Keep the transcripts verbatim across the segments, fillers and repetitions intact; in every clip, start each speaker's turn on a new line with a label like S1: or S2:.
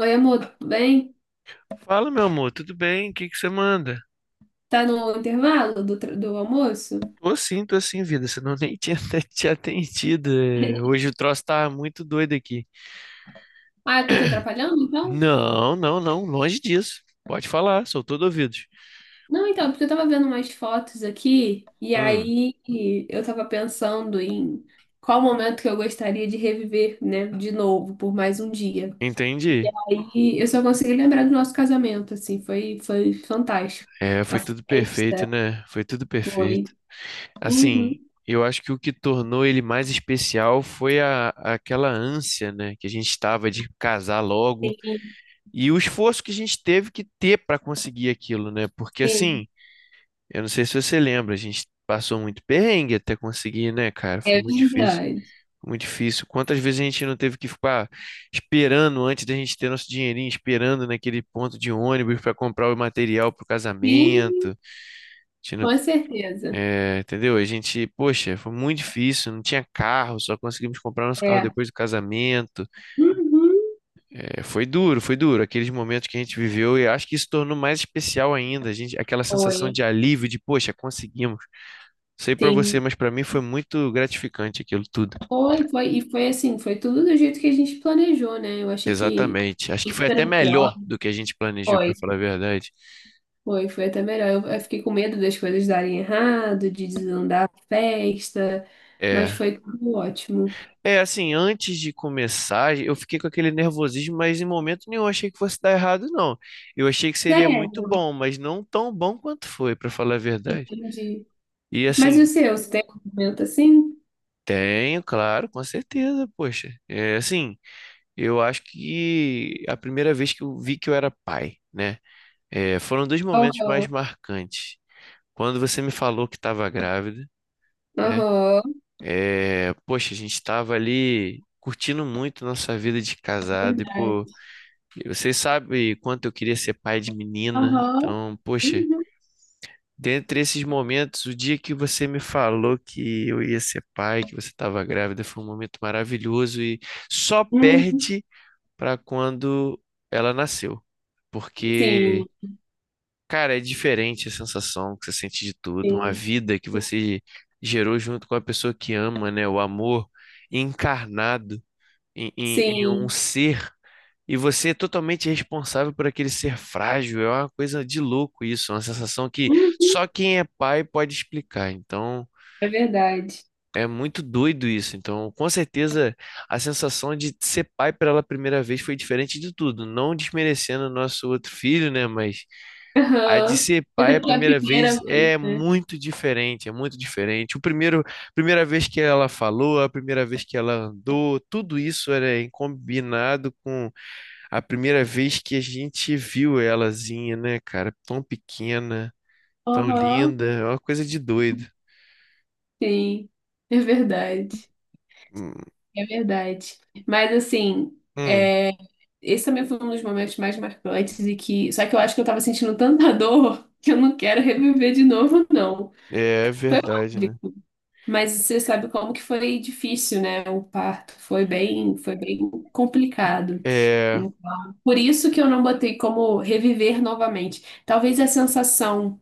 S1: Oi, amor, tudo bem?
S2: Fala, meu amor, tudo bem? O que que você manda?
S1: Tá no intervalo do, tra- do almoço?
S2: Tô sim, tô sim, vida, senão eu nem tinha até te atendido. É, hoje o troço tá muito doido aqui.
S1: Ah, eu tô te atrapalhando, então?
S2: Não, não, não, longe disso. Pode falar, sou todo ouvidos.
S1: Não, então, porque eu tava vendo umas fotos aqui e
S2: Hum,
S1: aí eu tava pensando em qual momento que eu gostaria de reviver, né, de novo, por mais um dia.
S2: entendi.
S1: E eu só consegui lembrar do nosso casamento, assim, foi, foi fantástico.
S2: É,
S1: A
S2: foi tudo perfeito,
S1: festa
S2: né? Foi tudo
S1: foi.
S2: perfeito. Assim,
S1: Uhum.
S2: eu acho que o que tornou ele mais especial foi a, aquela ânsia, né, que a gente estava de casar logo
S1: Sim,
S2: e o esforço que a gente teve que ter para conseguir aquilo, né? Porque
S1: sim,
S2: assim. Eu não sei se você lembra, a gente passou muito perrengue até conseguir, né, cara? Foi
S1: é
S2: muito difícil.
S1: verdade.
S2: Foi muito difícil. Quantas vezes a gente não teve que ficar esperando antes da gente ter nosso dinheirinho, esperando naquele ponto de ônibus para comprar o material para o casamento.
S1: Sim,
S2: A gente não-
S1: com certeza.
S2: É, entendeu? A gente, poxa, foi muito difícil, não tinha carro, só conseguimos comprar nosso carro
S1: É.
S2: depois do casamento.
S1: Uhum.
S2: É, foi duro, foi duro. Aqueles momentos que a gente viveu, e acho que isso tornou mais especial ainda, a gente, aquela
S1: Foi.
S2: sensação de alívio, de, poxa, conseguimos. Sei pra você,
S1: Sim.
S2: mas pra mim foi muito gratificante aquilo tudo.
S1: Foi, foi, e foi assim, foi tudo do jeito que a gente planejou, né? Eu achei que
S2: Exatamente. Acho que foi até
S1: esperando pior.
S2: melhor do que a gente planejou, pra
S1: Foi,
S2: falar a verdade.
S1: foi, foi até melhor. Eu, eu fiquei com medo das coisas darem errado, de desandar a festa, mas
S2: É.
S1: foi tudo ótimo.
S2: É, assim, antes de começar, eu fiquei com aquele nervosismo, mas em momento nenhum eu achei que fosse dar errado, não. Eu achei que seria muito
S1: Sério,
S2: bom, mas não tão bom quanto foi, pra falar a verdade.
S1: entendi.
S2: E
S1: Mas e o
S2: assim,
S1: seu, você tem um momento assim?
S2: tenho, claro, com certeza, poxa. É, assim, eu acho que a primeira vez que eu vi que eu era pai, né? É, foram dois momentos mais
S1: Aham,
S2: marcantes. Quando você me falou que estava grávida, né?
S1: aham,
S2: É, poxa, a gente estava ali curtindo muito nossa vida de casado e, pô,
S1: verdade.
S2: vocês sabem quanto eu queria ser pai de menina.
S1: Aham,
S2: Então, poxa,
S1: uhum,
S2: dentre esses momentos, o dia que você me falou que eu ia ser pai, que você estava grávida, foi um momento maravilhoso e só
S1: uhum.
S2: perde para quando ela nasceu.
S1: Sim,
S2: Porque Cara, é diferente a sensação que você sente de tudo, uma
S1: sim,
S2: vida que você gerou junto com a pessoa que ama, né? O amor encarnado em, em- em um
S1: sim,
S2: ser, e você é totalmente responsável por aquele ser frágil. É uma coisa de louco isso, é uma sensação que
S1: uhum.
S2: só quem é pai pode explicar. Então,
S1: É verdade.
S2: é muito doido isso. Então, com certeza, a sensação de ser pai pela primeira vez foi diferente de tudo. Não desmerecendo o nosso outro filho, né? Mas. A de
S1: Aham.
S2: ser
S1: Mas é
S2: pai a
S1: porque é a
S2: primeira
S1: primeira
S2: vez
S1: vez,
S2: é
S1: né?
S2: muito diferente, é muito diferente. O primeiro, primeira vez que ela falou, a primeira vez que ela andou, tudo isso era em combinado com a primeira vez que a gente viu elazinha, né, cara? Tão pequena, tão
S1: Aham.
S2: linda, é uma coisa de doido.
S1: Sim, é verdade.
S2: Hum,
S1: É verdade. Mas assim,
S2: hum,
S1: é, esse também foi um dos momentos mais marcantes e que. Só que eu acho que eu tava sentindo tanta dor que eu não quero reviver de novo, não.
S2: é, é
S1: Foi
S2: verdade, né?
S1: mágico. Mas você sabe como que foi difícil, né? O parto foi bem, foi bem complicado.
S2: É,
S1: Então, por isso que eu não botei como reviver novamente. Talvez a sensação.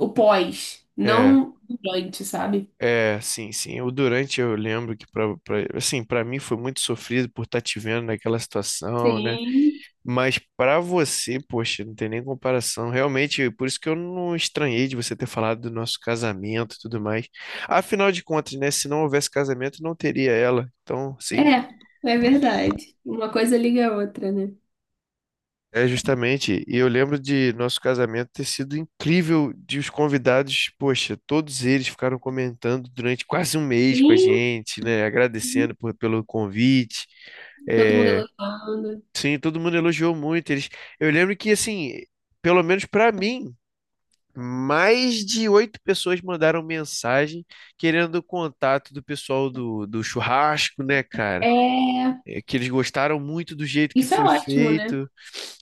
S1: O pós,
S2: é.
S1: não durante, sabe?
S2: É, sim, sim. O durante eu lembro que para assim, para mim foi muito sofrido por estar te vendo naquela situação, né?
S1: Sim.
S2: Mas pra você, poxa, não tem nem comparação. Realmente, por isso que eu não estranhei de você ter falado do nosso casamento e tudo mais. Afinal de contas, né? Se não houvesse casamento, não teria ela. Então, sim,
S1: É, é verdade. Uma coisa liga a outra, né?
S2: é justamente. E eu lembro de nosso casamento ter sido incrível, de os convidados, poxa, todos eles ficaram comentando durante quase um mês com a
S1: Sim.
S2: gente, né?
S1: Sim.
S2: Agradecendo por- pelo convite.
S1: Todo mundo
S2: É,
S1: elogiando.
S2: sim, todo mundo elogiou muito eles. Eu lembro que, assim, pelo menos pra mim. Mais de oito pessoas mandaram mensagem querendo o contato do pessoal do, do churrasco, né, cara?
S1: É,
S2: É que eles gostaram muito do jeito que
S1: isso é
S2: foi
S1: ótimo, né?
S2: feito.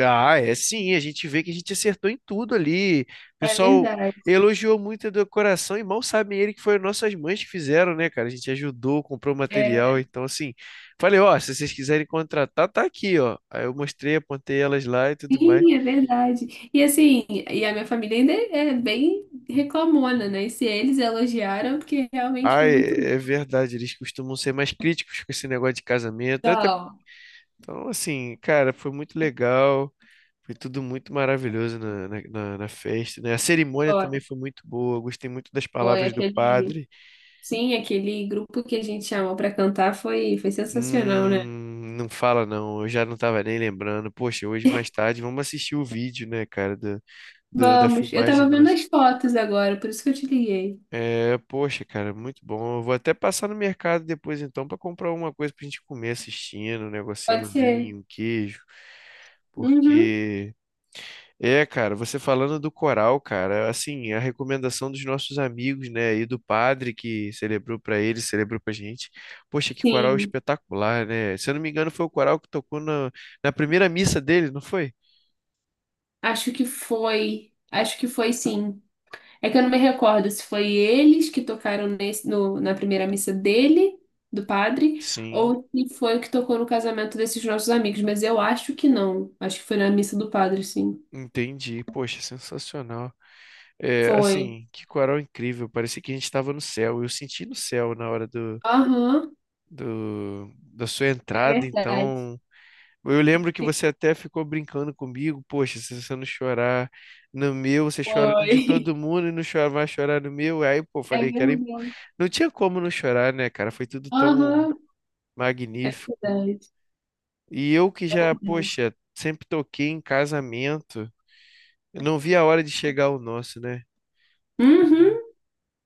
S2: Ah, é sim, a gente vê que a gente acertou em tudo ali. O
S1: É
S2: pessoal
S1: verdade.
S2: elogiou muito a decoração e mal sabem ele que foram nossas mães que fizeram, né, cara? A gente ajudou, comprou
S1: É,
S2: material. Então, assim, falei, ó, se vocês quiserem contratar, tá aqui, ó. Aí eu mostrei, apontei elas lá e tudo mais.
S1: sim, é verdade. E assim, e a minha família ainda é é bem reclamona, né? E se eles elogiaram, porque realmente foi
S2: Ai,
S1: muito
S2: é
S1: bom.
S2: verdade, eles costumam ser mais críticos com esse negócio de casamento. Até,
S1: Então,
S2: então, assim, cara, foi muito legal, foi tudo muito maravilhoso na, na, na- na festa, né? A cerimônia
S1: Foi,
S2: também foi muito boa, eu gostei muito das
S1: foi
S2: palavras do
S1: aquele,
S2: padre.
S1: sim, aquele grupo que a gente chamou pra cantar foi, foi sensacional, né?
S2: Hum, não fala não, eu já não tava nem lembrando. Poxa, hoje mais tarde vamos assistir o vídeo, né, cara, do, do- da
S1: Vamos, eu
S2: filmagem.
S1: tava vendo as fotos agora, por isso que eu te liguei.
S2: É, poxa, cara, muito bom. Eu vou até passar no mercado depois então pra comprar alguma coisa pra gente comer assistindo, um
S1: Pode
S2: negocinho, um
S1: ser?
S2: vinho, um queijo.
S1: Uhum.
S2: Porque é, cara, você falando do coral, cara, assim, a recomendação dos nossos amigos, né, e do padre que celebrou pra eles, celebrou pra gente. Poxa, que coral
S1: Sim,
S2: espetacular, né? Se eu não me engano, foi o coral que tocou na, na primeira missa dele, não foi?
S1: acho que foi. Acho que foi sim. É que eu não me recordo se foi eles que tocaram nesse, no, na primeira missa dele, do padre,
S2: Sim,
S1: ou se foi o que tocou no casamento desses nossos amigos, mas eu acho que não. Acho que foi na missa do padre, sim.
S2: entendi. Poxa, sensacional. É,
S1: Foi.
S2: assim, que coral incrível. Parecia que a gente estava no céu. Eu senti no céu na hora do,
S1: Aham,
S2: do- da sua
S1: é
S2: entrada,
S1: verdade.
S2: então. Eu lembro que
S1: Sim,
S2: você até ficou brincando comigo. Poxa, se você não chorar no meu, você chora no de todo
S1: foi.
S2: mundo e não chora, vai chorar no meu. Aí, pô,
S1: É
S2: falei que era. im-
S1: verdade.
S2: Não tinha como não chorar, né, cara? Foi tudo tão
S1: Aham, é
S2: magnífico.
S1: verdade.
S2: E eu que já, poxa, sempre toquei em casamento. Eu não vi a hora de chegar o nosso, né?
S1: Uhum,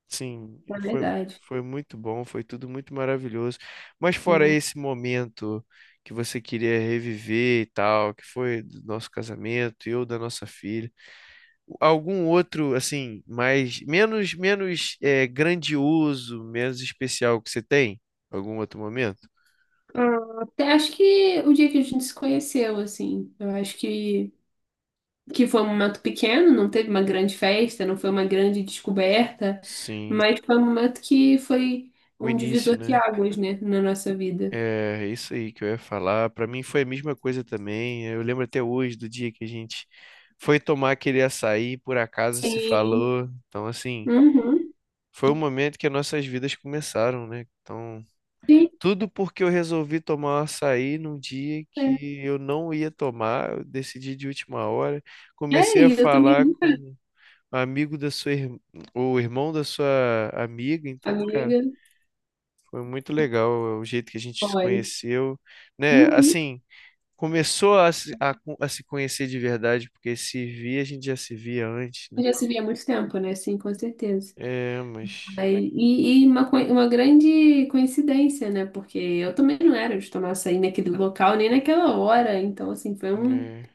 S2: Sim,
S1: é
S2: foi,
S1: verdade.
S2: foi muito bom, foi tudo muito maravilhoso. Mas fora
S1: É.
S2: esse momento que você queria reviver e tal, que foi do nosso casamento, eu da nossa filha, algum outro assim, mais menos menos é, grandioso, menos especial que você tem? Algum outro momento?
S1: Ah, até acho que o dia que a gente se conheceu, assim, eu acho que, que foi um momento pequeno, não teve uma grande festa, não foi uma grande descoberta,
S2: Sim,
S1: mas foi um momento que foi
S2: o
S1: um
S2: início,
S1: divisor de
S2: né?
S1: águas, né, na nossa vida.
S2: É isso aí que eu ia falar. Pra mim foi a mesma coisa também. Eu lembro até hoje do dia que a gente foi tomar aquele açaí, por acaso se
S1: Sim.
S2: falou. Então, assim,
S1: Uhum.
S2: foi o momento que as nossas vidas começaram, né? Então,
S1: Sim.
S2: tudo porque eu resolvi tomar um açaí num dia
S1: É,
S2: que eu não ia tomar, eu decidi de última hora.
S1: É,
S2: Comecei a
S1: e eu também,
S2: falar
S1: nunca-
S2: com um amigo da sua irmã, ou irmão da sua amiga. Então, cara,
S1: amiga,
S2: foi muito legal o jeito que a gente se
S1: olha.
S2: conheceu, né?
S1: Uhum.
S2: Assim. Começou a, se- a, co- a se conhecer de verdade, porque se via, a gente já se via antes, né?
S1: Já se via há muito tempo, né? Sim, com certeza.
S2: É, mas
S1: Aí- E, e uma, coi- uma grande coincidência, né? Porque eu também não era de tomar açaí naquele local, nem naquela hora. Então, assim, foi um...
S2: é,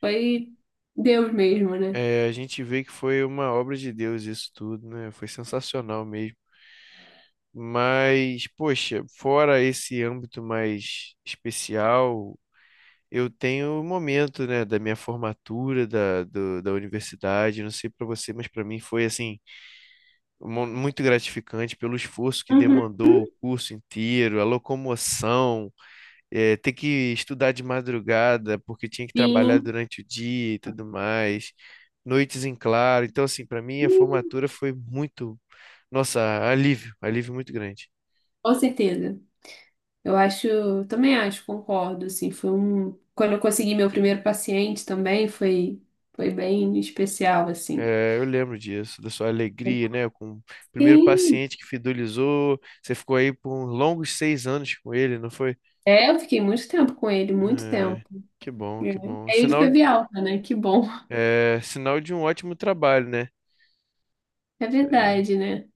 S1: Foi Deus mesmo, né?
S2: é, a gente vê que foi uma obra de Deus isso tudo, né? Foi sensacional mesmo. Mas, poxa, fora esse âmbito mais especial, eu tenho o momento, né, da minha formatura da, do- da universidade. Não sei para você, mas para mim foi assim mu- muito gratificante pelo esforço que
S1: Uhum.
S2: demandou o curso inteiro, a locomoção eh, ter que estudar de madrugada porque tinha que trabalhar
S1: Sim,
S2: durante o dia e tudo mais, noites em claro. Então, assim, para mim a formatura foi muito, nossa, alívio, alívio muito grande.
S1: com certeza. Eu acho. Também acho, concordo, assim. Foi um... Quando eu consegui meu primeiro paciente também, foi, foi bem especial, assim.
S2: Eh, eu lembro disso, da sua alegria, né? Com o primeiro
S1: Sim.
S2: paciente que fidelizou, você ficou aí por longos seis anos com ele, não foi?
S1: É, eu fiquei muito tempo com ele, muito tempo.
S2: Eh, que bom,
S1: É. E
S2: que bom.
S1: aí ele
S2: Sinal,
S1: teve alta, né? Que bom.
S2: eh, sinal de um ótimo trabalho, né?
S1: É
S2: Isso aí.
S1: verdade, né?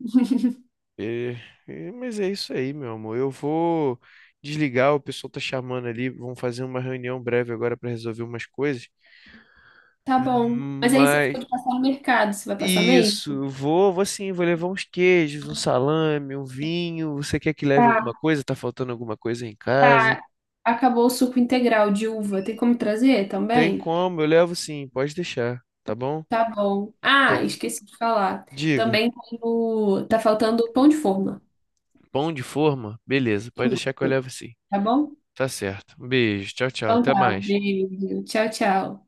S2: É, é, mas é isso aí, meu amor. Eu vou desligar, o pessoal tá chamando ali, vão fazer uma reunião breve agora para resolver umas coisas.
S1: Tá bom. Mas aí você
S2: Mas
S1: ficou de passar no mercado, você vai passar meio?
S2: isso, vou, vou sim, vou levar uns queijos, um salame, um vinho. Você quer que leve alguma
S1: Tá.
S2: coisa? Tá faltando alguma coisa em casa?
S1: Tá. Acabou o suco integral de uva. Tem como trazer
S2: Tem
S1: também?
S2: como, eu levo sim, pode deixar, tá bom?
S1: Tá bom. Ah,
S2: Então,
S1: esqueci de falar.
S2: diga.
S1: Também tem o... tá faltando o pão de forma.
S2: Pão de forma? Beleza, pode
S1: Isso.
S2: deixar que eu levo sim.
S1: Tá bom?
S2: Tá certo. Um beijo, tchau, tchau,
S1: Então
S2: até
S1: tá.
S2: mais.
S1: Beijo. Tchau, tchau.